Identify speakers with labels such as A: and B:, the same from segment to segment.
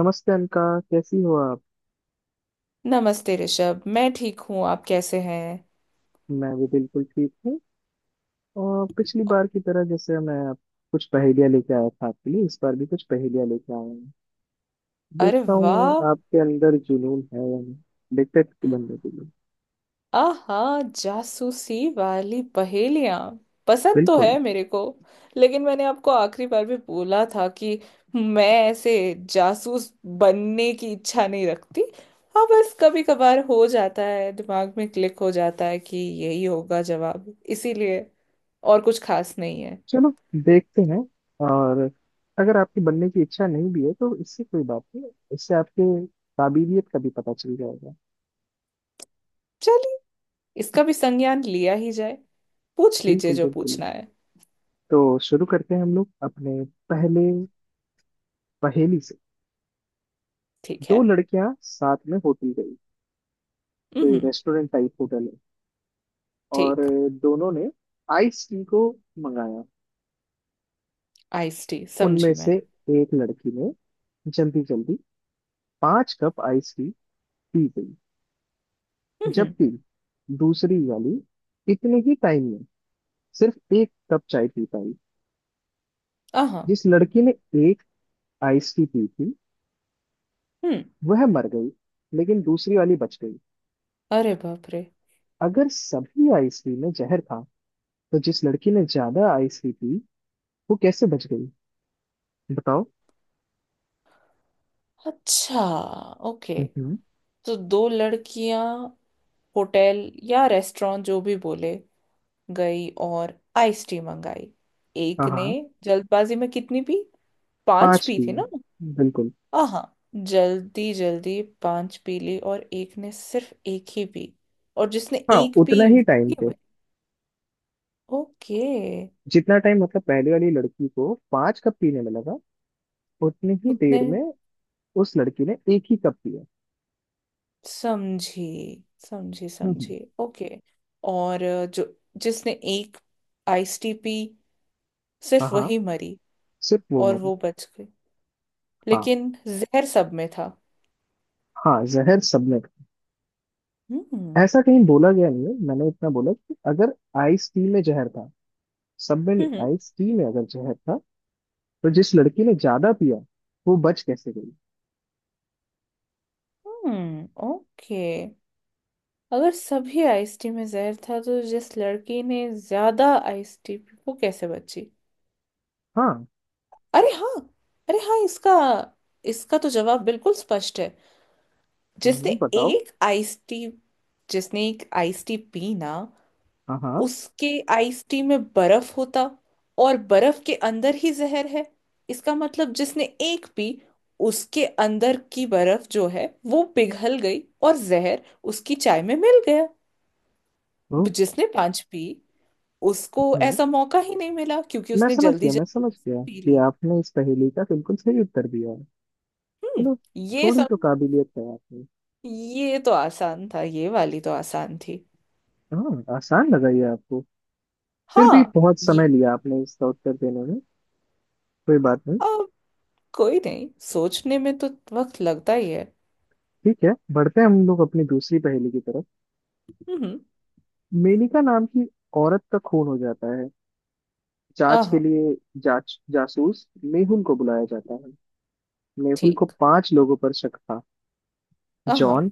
A: नमस्ते अनका। कैसी हो आप।
B: नमस्ते ऋषभ, मैं ठीक हूँ। आप कैसे हैं?
A: मैं भी बिल्कुल ठीक हूँ। और पिछली बार की तरह जैसे कुछ पहेलियाँ लेके आया था आपके लिए, इस बार भी कुछ पहेलियाँ लेके आया हूँ।
B: अरे
A: देखता हूँ
B: वाह।
A: आपके अंदर जुनून है या नहीं, देखते कि बनने के लिए।
B: आहा, जासूसी वाली पहेलियाँ पसंद तो
A: बिल्कुल।
B: है मेरे को, लेकिन मैंने आपको आखिरी बार भी बोला था कि मैं ऐसे जासूस बनने की इच्छा नहीं रखती। हाँ, बस कभी कभार हो जाता है, दिमाग में क्लिक हो जाता है कि यही होगा जवाब, इसीलिए। और कुछ खास नहीं है।
A: चलो, देखते हैं। और अगर आपकी बनने की इच्छा नहीं भी है तो इससे कोई बात नहीं, इससे आपके काबिलियत का भी पता चल जाएगा।
B: चलिए, इसका भी संज्ञान लिया ही जाए। पूछ लीजिए
A: बिल्कुल
B: जो
A: बिल्कुल
B: पूछना है।
A: तो शुरू करते हैं हम लोग अपने पहले पहेली से।
B: ठीक
A: दो
B: है।
A: लड़कियां साथ में होटल गई, कोई
B: हम्म।
A: रेस्टोरेंट टाइप होटल है, और
B: ठीक।
A: दोनों ने आइस टी को मंगाया।
B: आइस टी
A: उनमें
B: समझी मैं।
A: से एक लड़की ने जल्दी जल्दी पांच कप आइस टी पी गई,
B: हम्म।
A: जबकि दूसरी वाली इतने ही टाइम में सिर्फ एक कप चाय पी पाई।
B: हाँ।
A: जिस लड़की ने एक आइस टी पी थी
B: हम्म।
A: वह मर गई, लेकिन दूसरी वाली बच गई।
B: अरे बाप रे।
A: अगर सभी आइस टी में जहर था, तो जिस लड़की ने ज्यादा आइस टी पी वो कैसे बच गई, बताओ।
B: अच्छा। ओके।
A: हम्म।
B: तो दो लड़कियां होटल या रेस्टोरेंट जो भी बोले गई और आइस टी मंगाई।
A: हाँ
B: एक ने
A: हाँ।
B: जल्दबाजी में कितनी पी? पांच
A: पांच
B: पी थी
A: दिए,
B: ना?
A: बिल्कुल।
B: हाँ। जल्दी जल्दी पांच पी ली और एक ने सिर्फ एक ही पी। और जिसने
A: हाँ,
B: एक
A: उतना
B: पी
A: ही
B: वो
A: टाइम
B: ही
A: पे,
B: मरी। ओके।
A: जितना टाइम मतलब पहले वाली लड़की को पांच कप पीने में लगा, उतनी ही
B: उतने
A: देर में उस लड़की ने एक ही कप पिया।
B: समझी, समझी
A: हम्म हम्म,
B: समझी। ओके। और जो जिसने एक आइस टी पी,
A: हाँ
B: सिर्फ
A: हाँ,
B: वही मरी।
A: सिर्फ वो
B: और
A: मरी।
B: वो बच गई,
A: हाँ
B: लेकिन जहर सब में था।
A: हाँ, जहर सबने खाया,
B: हम्म।
A: ऐसा कहीं बोला गया नहीं है। मैंने इतना बोला कि अगर आइस टी में जहर था, सब में नहीं,
B: हम्म।
A: आइस टी में अगर जहर था तो जिस लड़की ने ज्यादा पिया वो बच कैसे गई।
B: हम्म। ओके। अगर सभी आइस टी में जहर था तो जिस लड़की ने ज्यादा आइस टी पी वो कैसे बची?
A: हाँ।
B: अरे हाँ। अरे हाँ, इसका इसका तो जवाब बिल्कुल स्पष्ट है। जिसने
A: बताओ।
B: एक आइस टी जिसने एक आइस टी पी ना,
A: हाँ हाँ।
B: उसके आइस टी में बर्फ होता और बर्फ के अंदर ही जहर है। इसका मतलब जिसने एक पी, उसके अंदर की बर्फ जो है वो पिघल गई और जहर उसकी चाय में मिल गया।
A: ओ,
B: जिसने पांच पी उसको ऐसा मौका ही नहीं मिला, क्योंकि
A: मैं
B: उसने
A: समझ
B: जल्दी
A: गया, मैं
B: जल्दी
A: समझ गया
B: पी
A: कि
B: ली।
A: आपने इस पहेली का बिल्कुल सही उत्तर दिया है।
B: हम्म।
A: चलो,
B: ये
A: थोड़ी
B: सब।
A: तो काबिलियत है आप में।
B: ये तो आसान था। ये वाली तो आसान थी।
A: हाँ, आसान लगा ये आपको। फिर भी
B: हाँ।
A: बहुत
B: ये
A: समय लिया आपने इसका उत्तर देने में, कोई बात नहीं।
B: अब कोई नहीं, सोचने में तो वक्त लगता ही है।
A: ठीक है, बढ़ते हैं हम लोग अपनी दूसरी पहेली की तरफ।
B: हम्म।
A: मेनका नाम की औरत का खून हो जाता है, जांच के
B: आहा।
A: लिए जांच जासूस मेहुल को बुलाया जाता है। मेहुल को
B: ठीक।
A: पांच लोगों पर शक था।
B: हाँ।
A: जॉन,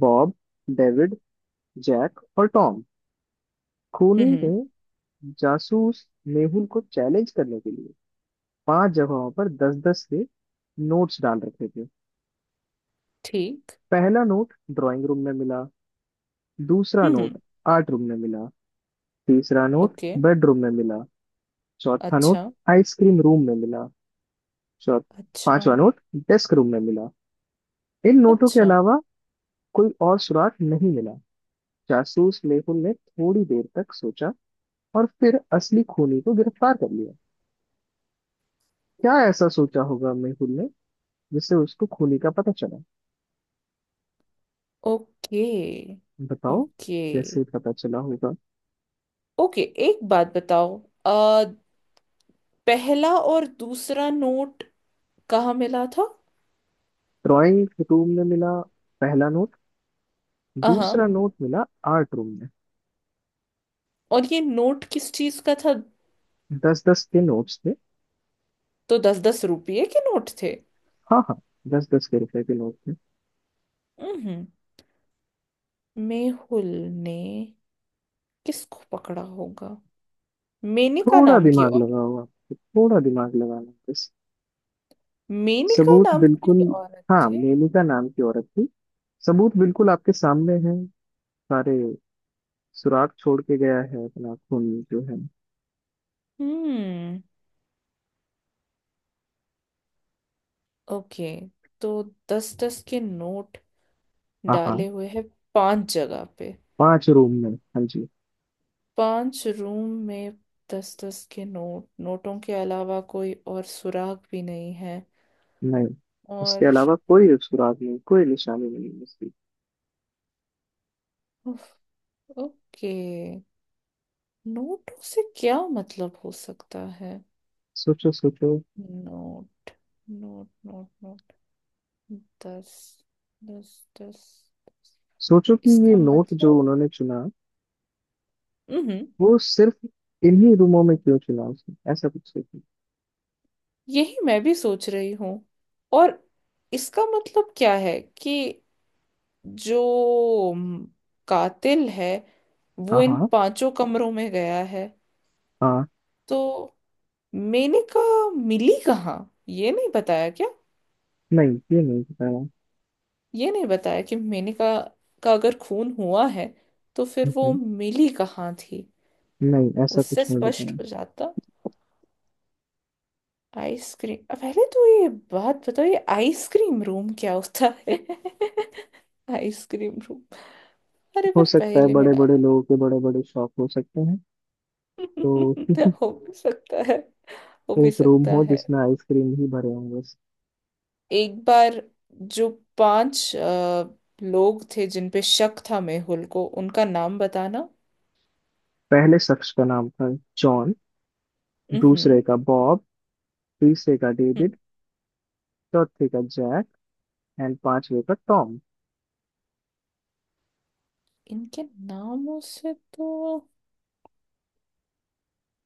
A: बॉब, डेविड, जैक और टॉम। खूनी ने
B: हम्म।
A: जासूस मेहुल को चैलेंज करने के लिए पांच जगहों पर दस दस से नोट्स डाल रखे थे।
B: ठीक।
A: पहला नोट ड्राइंग रूम में मिला, दूसरा नोट
B: हम्म।
A: आर्ट रूम में मिला, तीसरा नोट
B: ओके।
A: बेडरूम में मिला, चौथा नोट
B: अच्छा।
A: आइसक्रीम रूम में मिला, चौथ
B: अच्छा।
A: पांचवा नोट डेस्क रूम में मिला। इन नोटों के
B: अच्छा।
A: अलावा कोई और सुराग नहीं मिला। जासूस मेहुल ने थोड़ी देर तक सोचा और फिर असली खूनी को गिरफ्तार कर लिया। क्या ऐसा सोचा होगा मेहुल ने जिससे उसको खूनी का पता चला,
B: ओके
A: बताओ,
B: ओके
A: कैसे पता चला होगा।
B: ओके। एक बात बताओ, आ, पहला और दूसरा नोट कहाँ मिला था?
A: ड्राइंग रूम में मिला पहला नोट, दूसरा
B: हाँ।
A: नोट मिला आर्ट रूम में।
B: और ये नोट किस चीज का था?
A: दस दस के नोट्स थे।
B: तो दस दस रुपये के नोट थे।
A: हाँ हाँ, दस दस के रुपए के नोट थे।
B: हम्म। मेहुल ने किसको पकड़ा होगा? मेनका
A: थोड़ा
B: नाम की
A: दिमाग
B: और
A: लगाओ, आपको थोड़ा दिमाग लगाना है बस।
B: मेनका
A: सबूत
B: नाम की
A: बिल्कुल,
B: औरत
A: हाँ,
B: थे।
A: मेलिका नाम की औरत थी। सबूत बिल्कुल आपके सामने है, सारे सुराग छोड़ के गया है अपना खून जो है।
B: हम्म। ओके। तो दस दस के नोट
A: हाँ हाँ,
B: डाले हुए हैं पांच जगह पे।
A: पांच रूम में हाँ जी।
B: पांच रूम में दस दस के नोट। नोटों के अलावा कोई और सुराग भी नहीं है।
A: नहीं,
B: और
A: उसके अलावा कोई सुराग नहीं, कोई निशानी नहीं है उसकी।
B: उफ। ओके, नोटों से क्या मतलब हो सकता है?
A: सोचो सोचो।
B: Note note note note. दस, दस, दस।
A: सोचो कि ये
B: इसका
A: नोट जो
B: मतलब।
A: उन्होंने चुना,
B: हम्म।
A: वो सिर्फ इन्हीं रूमों में क्यों चुना उसने, ऐसा कुछ सोचो।
B: यही मैं भी सोच रही हूँ। और इसका मतलब क्या है कि जो कातिल है वो
A: हाँ
B: इन
A: हाँ।
B: पांचों कमरों में गया है।
A: हाँ।
B: तो मेनका मिली कहाँ? ये नहीं बताया क्या?
A: नहीं, ये नहीं बताया।
B: ये नहीं बताया कि मेनका का अगर खून हुआ है तो फिर वो
A: हम्म,
B: मिली कहाँ थी?
A: नहीं, ऐसा
B: उससे
A: कुछ नहीं
B: स्पष्ट
A: बताया।
B: हो जाता। आइसक्रीम, अब पहले तो ये बात बताओ, ये आइसक्रीम रूम क्या होता है? Ice cream room. अरे
A: हो
B: पर
A: सकता है,
B: पहले में
A: बड़े बड़े लोगों के बड़े बड़े शौक हो सकते हैं। तो
B: डाला। हो भी सकता है। हो भी
A: एक रूम
B: सकता
A: हो
B: है।
A: जिसमें आइसक्रीम ही भरे हों बस।
B: एक बार जो पांच लोग थे जिन पे शक था मेहुल को, उनका नाम बताना।
A: पहले शख्स का नाम था जॉन, दूसरे
B: हम्म।
A: का बॉब, तीसरे का डेविड, चौथे का जैक एंड पांचवे का टॉम।
B: इनके नामों से तो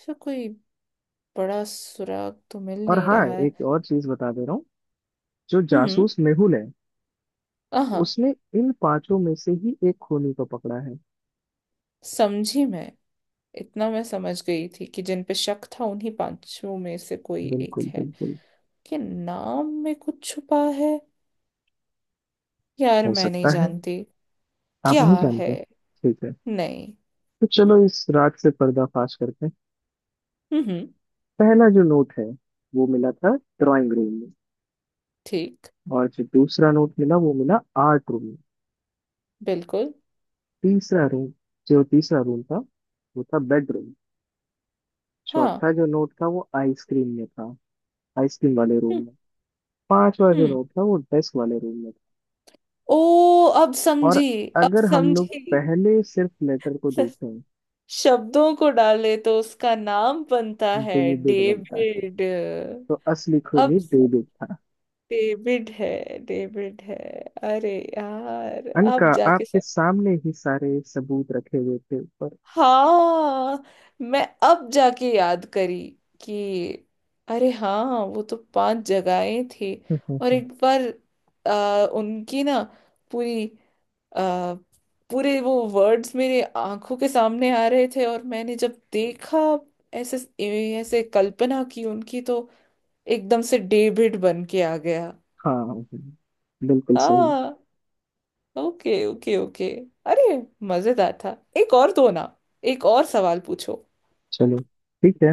B: फिर कोई बड़ा सुराग तो मिल
A: और
B: नहीं
A: हाँ,
B: रहा है।
A: एक और चीज बता दे रहा हूँ, जो
B: हम्म।
A: जासूस मेहुल है
B: हाँ।
A: उसने इन पांचों में से ही एक खूनी को पकड़ा है।
B: समझी मैं। इतना मैं समझ गई थी कि जिन पे शक था उन्हीं पांचों में से कोई एक
A: बिल्कुल
B: है।
A: बिल्कुल
B: कि नाम में कुछ छुपा है। यार
A: हो
B: मैं नहीं
A: सकता है
B: जानती
A: आप
B: क्या
A: नहीं
B: है।
A: जानते, ठीक है।
B: नहीं।
A: तो चलो इस रात से पर्दाफाश करते हैं।
B: हम्म।
A: पहला जो नोट है वो मिला था ड्राइंग रूम में,
B: ठीक।
A: और जो दूसरा नोट मिला वो मिला आर्ट रूम में।
B: बिल्कुल।
A: तीसरा रूम जो तीसरा रूम था वो था बेडरूम।
B: हाँ।
A: चौथा जो नोट था वो आइसक्रीम में था, आइसक्रीम वाले रूम
B: हम्म।
A: में। पांचवा जो
B: हम्म।
A: नोट था वो डेस्क वाले रूम में
B: ओ, अब
A: था। और
B: समझी। अब
A: अगर हम लोग
B: समझी,
A: पहले सिर्फ लेटर को
B: स-
A: देखें,
B: शब्दों को डाले तो उसका नाम बनता है
A: डेविड बनता है।
B: डेविड।
A: तो असली
B: अब
A: खूनी
B: स-
A: डेविड था।
B: डेविड है। डेविड है। अरे यार,
A: अनका,
B: अब जाके।
A: आपके सामने ही सारे सबूत रखे हुए थे ऊपर।
B: हाँ। मैं अब जाके याद करी कि अरे हाँ वो तो पांच जगहें थी। और एक बार उनकी ना पूरी, आ, पूरे वो वर्ड्स मेरे आंखों के सामने आ रहे थे, और मैंने जब देखा ऐसे, ऐसे कल्पना की उनकी तो एकदम से डेविड बन के आ गया।
A: हाँ, बिल्कुल सही।
B: हाँ। Okay okay okay. अरे मजेदार था, एक और दो ना, एक और सवाल पूछो।
A: चलो ठीक है,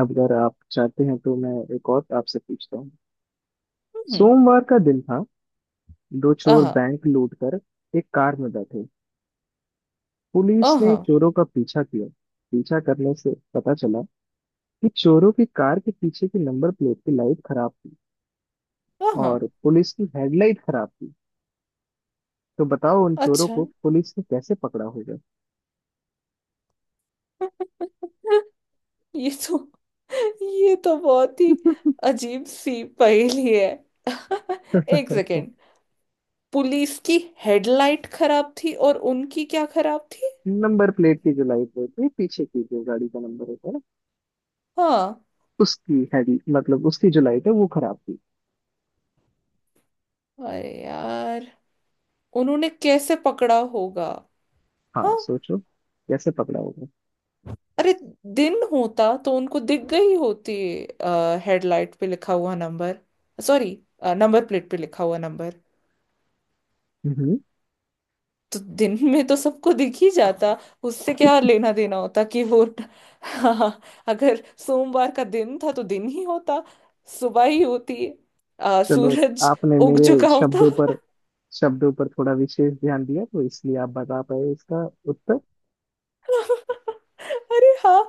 A: अब अगर आप चाहते हैं तो मैं एक और आपसे पूछता हूँ।
B: हम्म।
A: सोमवार का दिन था, दो चोर
B: आहा।
A: बैंक लूट कर एक कार में बैठे। पुलिस ने
B: आहा।
A: चोरों का पीछा किया। पीछा करने से पता चला कि चोरों की कार के पीछे की नंबर प्लेट की लाइट खराब थी,
B: आहा।
A: और पुलिस की हेडलाइट खराब थी। तो बताओ, उन चोरों
B: अच्छा,
A: को पुलिस ने कैसे पकड़ा होगा।
B: ये तो ये तो बहुत ही अजीब सी पहेली है। एक सेकेंड। पुलिस की हेडलाइट खराब थी और उनकी क्या खराब थी?
A: नंबर प्लेट की जो लाइट होती है, पीछे की जो गाड़ी का नंबर होता है ना,
B: हाँ।
A: उसकी हेड मतलब उसकी जो लाइट है वो खराब थी।
B: अरे यार, उन्होंने कैसे पकड़ा होगा?
A: हाँ,
B: हाँ।
A: सोचो कैसे पकड़ा होगा।
B: अरे, दिन होता तो उनको दिख गई होती हेडलाइट पे लिखा हुआ नंबर। सॉरी, नंबर प्लेट पे लिखा हुआ।
A: हम्म।
B: तो दिन में तो सबको दिख ही जाता, उससे क्या लेना देना होता कि वो हाँ। अगर सोमवार का दिन था तो दिन ही होता, सुबह ही होती,
A: चलो,
B: सूरज
A: आपने
B: उग
A: मेरे
B: चुका होता।
A: शब्दों पर थोड़ा विशेष ध्यान दिया, तो इसलिए आप बता पाए इसका उत्तर।
B: अरे हाँ,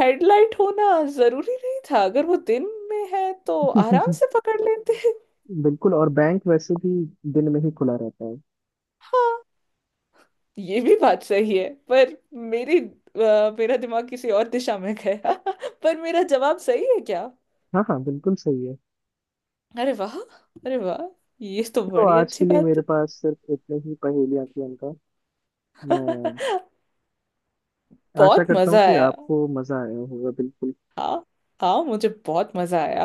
B: हेडलाइट होना जरूरी नहीं था, अगर वो दिन में है तो आराम से पकड़ लेते।
A: बिल्कुल, और बैंक वैसे भी दिन में ही खुला रहता है।
B: हाँ, ये भी बात सही है, पर मेरी मेरा दिमाग किसी और दिशा में गया। पर मेरा जवाब सही है क्या?
A: हाँ हाँ, बिल्कुल सही है।
B: अरे वाह, अरे वाह, ये तो
A: तो
B: बड़ी
A: आज के
B: अच्छी
A: लिए मेरे
B: बात
A: पास सिर्फ इतने ही पहेलियां थी उनका, मैं
B: है।
A: आशा
B: बहुत
A: करता हूँ
B: मजा
A: कि
B: आया।
A: आपको मजा आया होगा। बिल्कुल।
B: हाँ। हाँ मुझे बहुत मजा आया।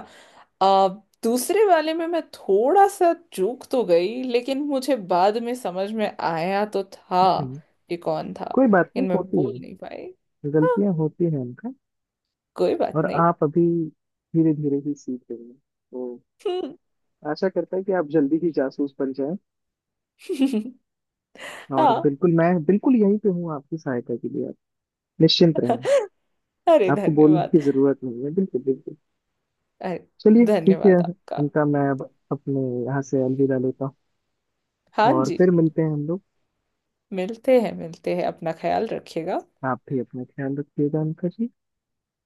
B: आ, दूसरे वाले में मैं थोड़ा सा चूक तो गई, लेकिन मुझे बाद में समझ में आया तो था
A: हम्म।
B: कि कौन था।
A: कोई बात नहीं,
B: लेकिन मैं
A: होती
B: बोल नहीं
A: है,
B: पाई। हाँ।
A: गलतियां होती हैं उनका।
B: कोई
A: और
B: बात नहीं।
A: आप अभी धीरे धीरे ही सीख रहे हैं, तो
B: हम्म।
A: आशा करता है कि आप जल्दी ही जासूस बन जाएं। और
B: हाँ।
A: बिल्कुल, मैं बिल्कुल यहीं पे हूँ आपकी सहायता के लिए, आप निश्चिंत रहें।
B: अरे
A: आपको बोलने की
B: धन्यवाद।
A: जरूरत नहीं है, बिल्कुल बिल्कुल।
B: अरे
A: चलिए ठीक है,
B: धन्यवाद आपका।
A: इनका मैं अब अपने यहाँ से अलविदा लेता हूँ,
B: हाँ
A: और
B: जी।
A: फिर मिलते हैं हम लोग।
B: मिलते हैं, मिलते हैं। अपना ख्याल रखिएगा।
A: आप भी अपना ख्याल रखिएगा अंका जी।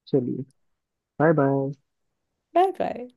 A: चलिए, बाय बाय।
B: Bye bye.